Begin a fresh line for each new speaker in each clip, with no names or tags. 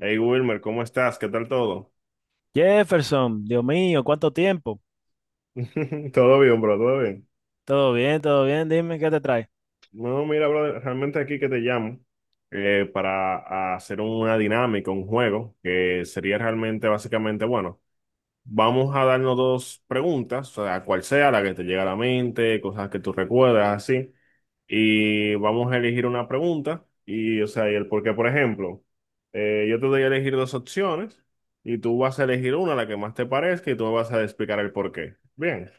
Hey Wilmer, ¿cómo estás? ¿Qué tal todo?
Jefferson, Dios mío, ¿cuánto tiempo?
Todo bien, bro, todo bien.
Todo bien, dime qué te trae.
No, mira, bro, realmente aquí que te llamo para hacer una dinámica, un juego, que sería realmente básicamente, bueno, vamos a darnos dos preguntas, o sea, cual sea la que te llega a la mente, cosas que tú recuerdas, así, y vamos a elegir una pregunta y, o sea, y el por qué, por ejemplo, yo te doy a elegir dos opciones y tú vas a elegir una, la que más te parezca, y tú me vas a explicar el por qué. Bien.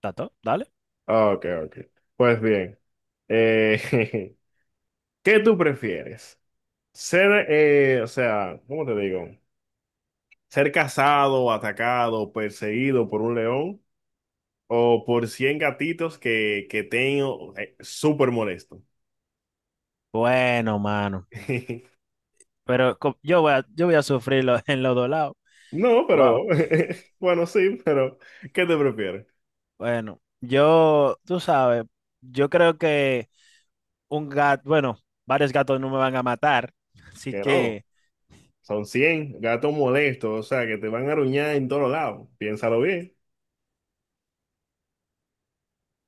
¿Tato? Dale.
Ah, ok, ok. Pues bien, eh, ¿qué tú prefieres? Ser, o sea, ¿cómo te digo? ¿Ser cazado, atacado, perseguido por un león o por 100 gatitos que tengo súper molesto?
Bueno, mano, pero yo voy a sufrirlo en los dos lados.
No,
Wow.
pero, bueno, sí, pero ¿qué te prefieres?
Bueno, yo, tú sabes, yo creo que un gato, bueno, varios gatos no me van a matar, así
Que no,
que
son cien gatos molestos, o sea, que te van a aruñar en todos lados. Piénsalo bien.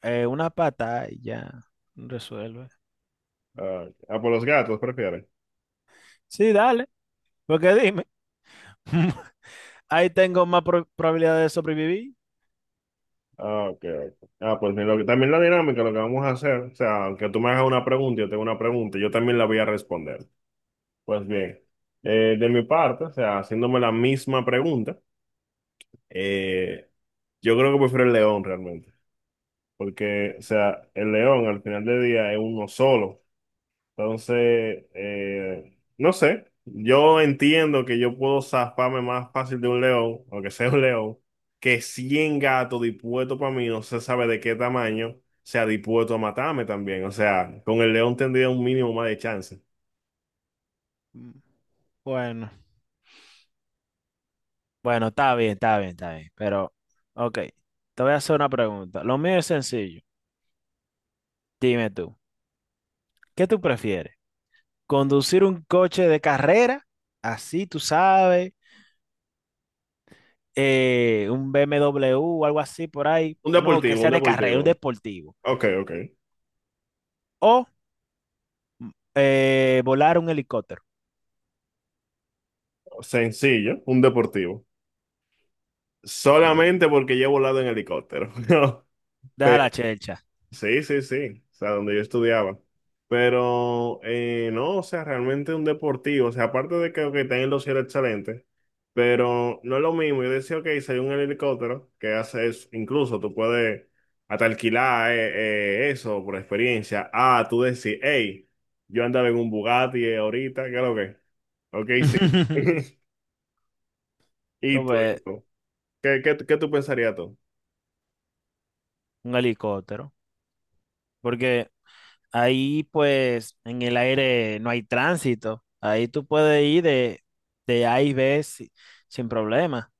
una pata y ya resuelve.
Ah, ah, por los gatos, prefiero.
Sí, dale, porque dime, ahí tengo más probabilidad de sobrevivir.
Ah, ok, ok. Ah, pues mira, lo que, también la dinámica, lo que vamos a hacer, o sea, aunque tú me hagas una pregunta, yo tengo una pregunta, yo también la voy a responder. Pues bien, de mi parte, o sea, haciéndome la misma pregunta, eh, yo creo que prefiero el león realmente, porque, o sea, el león al final del día es uno solo, entonces, no sé, yo entiendo que yo puedo zafarme más fácil de un león, aunque sea un león, que 100 gatos dispuestos para mí, no se sabe de qué tamaño, sea dispuesto a matarme también. O sea, con el león tendría un mínimo más de chance.
Mm. Bueno. Bueno, está bien, está bien, está bien. Pero, ok, te voy a hacer una pregunta. Lo mío es sencillo. Dime tú, ¿qué tú prefieres? ¿Conducir un coche de carrera? Así, tú sabes, un BMW o algo así por ahí,
Un
uno que
deportivo, un
sea de carrera, un
deportivo.
deportivo.
Ok, ok.
O mm, volar un helicóptero.
Sencillo, un deportivo.
Ok,
Solamente porque yo he volado en helicóptero.
deja la chelcha.
Sí, sí, sí, o sea, donde yo estudiaba. Pero no, o sea, realmente un deportivo, o sea, aparte de que tienen los cielos excelentes, pero no es lo mismo. Yo decía, ok, si hay un helicóptero que hace eso, incluso tú puedes hasta alquilar eso por experiencia. Ah, tú decís, hey, yo andaba en un Bugatti ahorita, ¿qué es lo que? Ok, sí. ¿Y tú? ¿Y
Entonces,
tú? ¿Qué tú pensarías tú?
un helicóptero. Porque ahí pues en el aire no hay tránsito. Ahí tú puedes ir de A y B sin problema.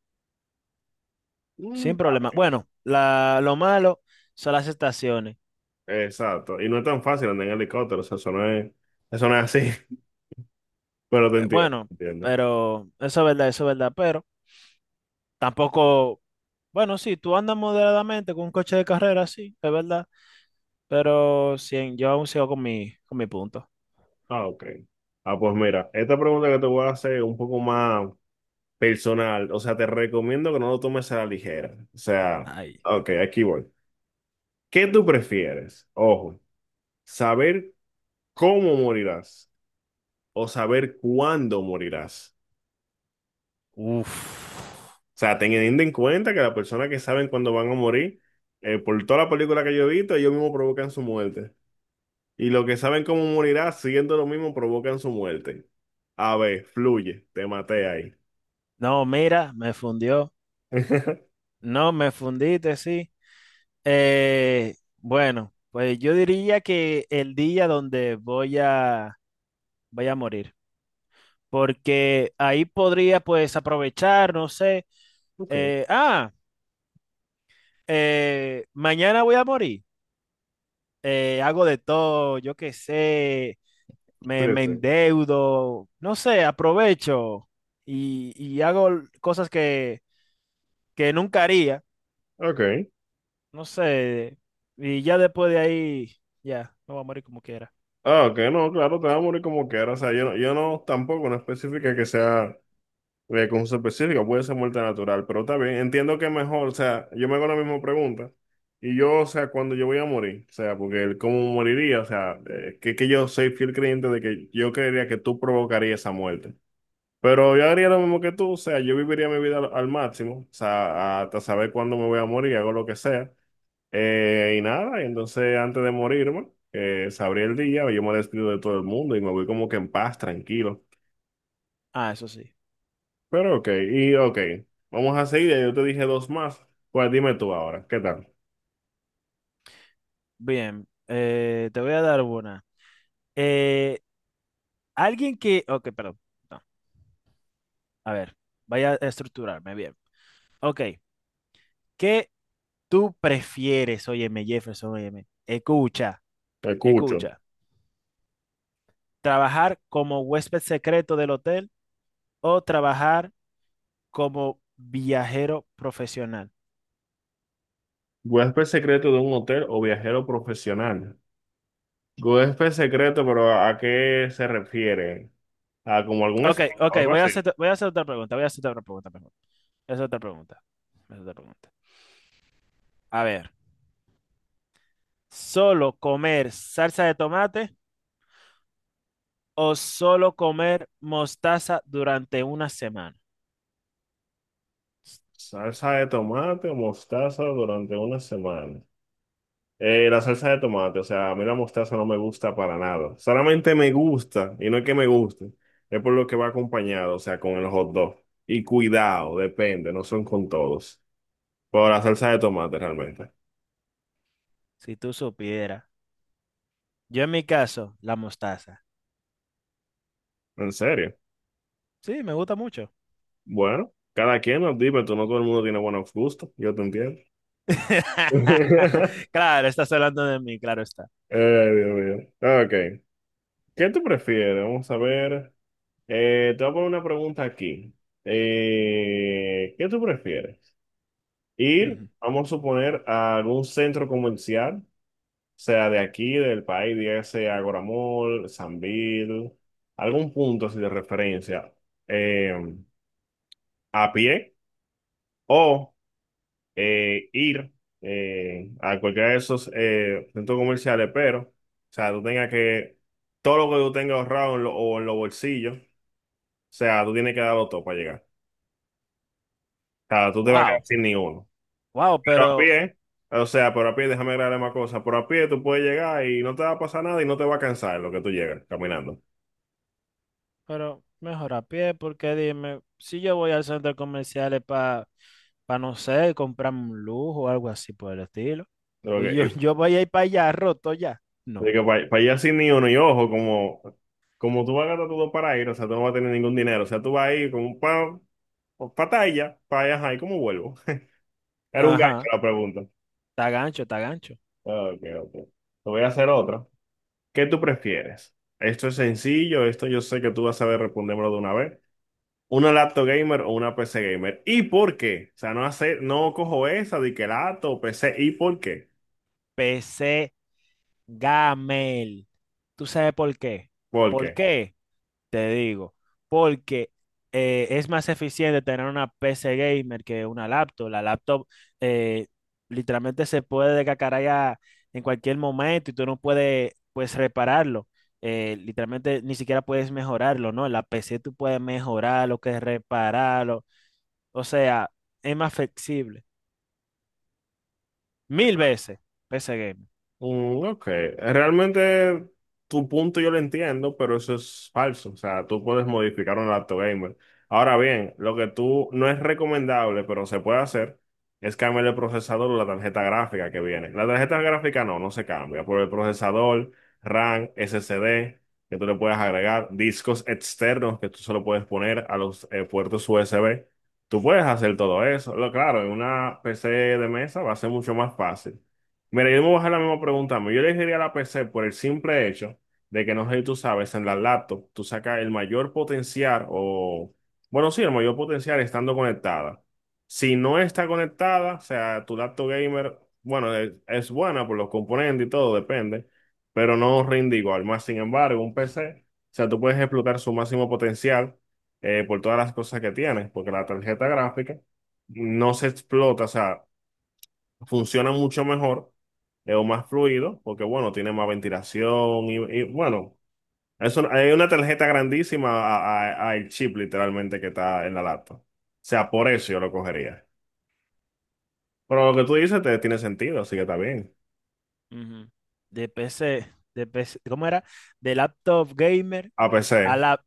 Sin
Mm,
problema.
ok.
Bueno, lo malo son las estaciones.
Exacto. Y no es tan fácil andar en helicóptero, o sea, eso no es así, pero te entiendo,
Bueno,
te entiendo.
pero eso es verdad, eso es verdad. Pero tampoco, bueno, sí, tú andas moderadamente con un coche de carrera, sí, es verdad. Pero sí, yo aún sigo con con mi punto.
Ah, ok. Ah, pues mira, esta pregunta que te voy a hacer es un poco más personal, o sea, te recomiendo que no lo tomes a la ligera. O sea,
Ay,
ok, aquí voy. ¿Qué tú prefieres? Ojo, saber cómo morirás o saber cuándo morirás.
uff.
O sea, teniendo en cuenta que las personas que saben cuándo van a morir, por toda la película que yo he visto, ellos mismos provocan su muerte. Y los que saben cómo morirá, siguiendo lo mismo, provocan su muerte. A ver, fluye, te maté ahí.
No, mira, me fundió. No, me fundiste, sí. Bueno, pues yo diría que el día donde voy a morir, porque ahí podría pues aprovechar, no sé,
Ok,
eh, ah, mañana voy a morir, hago de todo, yo qué sé,
sí,
me
sí.
endeudo, no sé, aprovecho y hago cosas que nunca haría,
Ok.
no sé, y ya después de ahí, ya, me voy a morir como quiera.
Ah, ok, no, claro, te va a morir como quieras. O sea, yo no, yo no tampoco, no específica que sea con su específica, puede ser muerte natural, pero está bien. Entiendo que mejor, o sea, yo me hago la misma pregunta. Y yo, o sea, cuando yo voy a morir, o sea, porque el cómo moriría, o sea, que yo soy fiel creyente de que yo creería que tú provocarías esa muerte. Pero yo haría lo mismo que tú, o sea, yo viviría mi vida al, al máximo, o sea, hasta saber cuándo me voy a morir, hago lo que sea, y nada, y entonces antes de morirme, sabría el día, yo me despido de todo el mundo y me voy como que en paz, tranquilo.
Ah, eso sí.
Pero ok, y ok, vamos a seguir, ya yo te dije dos más, pues dime tú ahora, ¿qué tal?
Bien, te voy a dar una. Eh, alguien que... Ok, perdón. No, a ver, vaya a estructurarme bien. Ok, ¿qué tú prefieres? Óyeme, Jefferson, óyeme. Escucha,
Te escucho.
escucha. ¿Trabajar como huésped secreto del hotel o trabajar como viajero profesional?
Huésped secreto de un hotel o viajero profesional. Huésped secreto, pero ¿a qué se refiere? ¿A como algún
Ok,
espía o
ok,
algo
voy a
así?
hacer, voy a hacer otra pregunta, voy a hacer otra pregunta, mejor. Voy a hacer otra pregunta. Voy a hacer otra pregunta. A ver, ¿solo comer salsa de tomate o solo comer mostaza durante una semana?
Salsa de tomate o mostaza durante una semana. La salsa de tomate, o sea, a mí la mostaza no me gusta para nada. Solamente me gusta, y no es que me guste, es por lo que va acompañado, o sea, con el hot dog. Y cuidado, depende, no son con todos. Pero la salsa de tomate realmente.
Si tú supieras. Yo en mi caso, la mostaza.
En serio.
Sí, me gusta mucho.
Bueno, cada quien nos dime, tú no todo el mundo tiene buenos gustos, yo te entiendo.
Claro, estás hablando de mí, claro está.
Ay, Dios mío. Ok. ¿Qué tú prefieres? Vamos a ver. Te voy a poner una pregunta aquí. ¿Qué tú prefieres? Ir,
Ujú.
vamos a suponer, a algún centro comercial, sea de aquí, del país, dígase Agora Mall, Sambil, algún punto así de referencia, eh, a pie, o ir a cualquiera de esos centros comerciales, pero, o sea, tú tengas que, todo lo que tú tengas ahorrado en lo- o en los bolsillos, o sea, tú tienes que darlo todo para llegar. Sea, tú te vas a quedar
Wow,
sin ninguno.
wow,
Pero a pie, o sea, pero a pie, déjame agregarle más cosas. Pero a pie tú puedes llegar y no te va a pasar nada y no te va a cansar en lo que tú llegas caminando.
pero, mejor a pie, porque dime, si yo voy al centro comercial para, no sé, comprarme un lujo o algo así por el estilo. Oye, yo, yo voy a ir para allá roto ya.
Lo
No.
que, para, allá sin ni uno, y ojo, como, como tú vas a gastar todo para ir, o sea, tú no vas a tener ningún dinero. O sea, tú vas a ir con un pa, patalla para allá, ¿y cómo vuelvo? Era un gancho
Ajá,
la pregunta.
está gancho, está gancho.
Ok, ok. Te voy a hacer otra. ¿Qué tú prefieres? Esto es sencillo, esto yo sé que tú vas a saber respondérmelo de una vez. Una laptop gamer o una PC gamer. ¿Y por qué? O sea, no hace, no cojo esa de que laptop o PC. ¿Y por qué?
PC Gamel. ¿Tú sabes por qué?
¿Por
¿Por
qué?
qué? Te digo, porque es más eficiente tener una PC gamer que una laptop. La laptop eh, literalmente se puede descacarayar en cualquier momento y tú no puedes pues repararlo. Literalmente ni siquiera puedes mejorarlo, ¿no? La PC tú puedes mejorarlo, que repararlo. O sea, es más flexible. Mil veces PC gamer.
Mm, ok, realmente tu punto yo lo entiendo, pero eso es falso. O sea, tú puedes modificar un laptop gamer. Ahora bien, lo que tú no es recomendable, pero se puede hacer, es cambiar el procesador o la tarjeta gráfica que viene. La tarjeta gráfica no, no se cambia, por el procesador, RAM, SSD, que tú le puedes agregar, discos externos que tú solo puedes poner a los puertos USB. Tú puedes hacer todo eso. Lo claro, en una PC de mesa va a ser mucho más fácil. Mira, yo me voy a hacer la misma pregunta. Yo elegiría la PC por el simple hecho de que, no sé si tú sabes, en la laptop tú sacas el mayor potencial o, bueno, sí, el mayor potencial estando conectada. Si no está conectada, o sea, tu laptop gamer, bueno, es buena por los componentes y todo, depende, pero no rinde igual. Más sin embargo, un PC, o sea, tú puedes explotar su máximo potencial por todas las cosas que tienes, porque la tarjeta gráfica no se explota, o sea funciona mucho mejor, es más fluido, porque bueno, tiene más ventilación y, bueno, eso, hay una tarjeta grandísima a el chip literalmente que está en la laptop. O sea, por eso yo lo cogería. Pero lo que tú dices te, tiene sentido, así que está bien.
Ujú. De PC, de PC, ¿cómo era? De laptop gamer a
APC.
lap.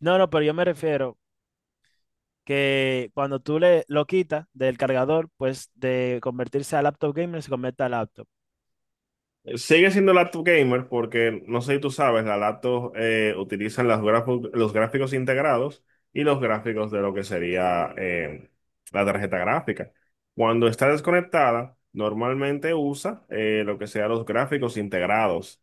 No, no, pero yo me refiero que cuando tú le lo quitas del cargador, pues de convertirse a laptop gamer se convierte a laptop.
Sigue siendo laptop gamer porque, no sé si tú sabes, las laptops utilizan las grafo- los gráficos integrados y los gráficos de lo que sería la tarjeta gráfica. Cuando está desconectada, normalmente usa lo que sea los gráficos integrados,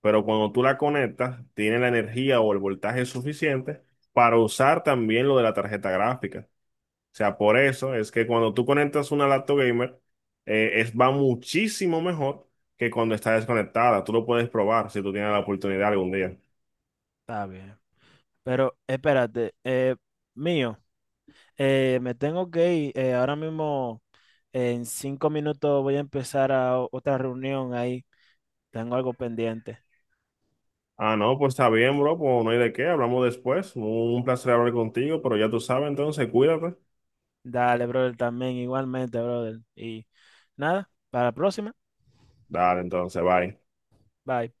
pero cuando tú la conectas, tiene la energía o el voltaje suficiente para usar también lo de la tarjeta gráfica. O sea, por eso es que cuando tú conectas una laptop gamer, es, va muchísimo mejor que cuando está desconectada. Tú lo puedes probar si tú tienes la oportunidad algún día.
Está bien. Pero espérate, mío, me tengo que ir. Ahora mismo, en 5 minutos voy a empezar a otra reunión ahí. Tengo algo pendiente.
Ah, no, pues está bien, bro, pues no hay de qué, hablamos después. Un placer hablar contigo, pero ya tú sabes, entonces cuídate.
Dale, brother, también igualmente, brother. Y nada, para la próxima.
Dale, entonces, bye.
Bye.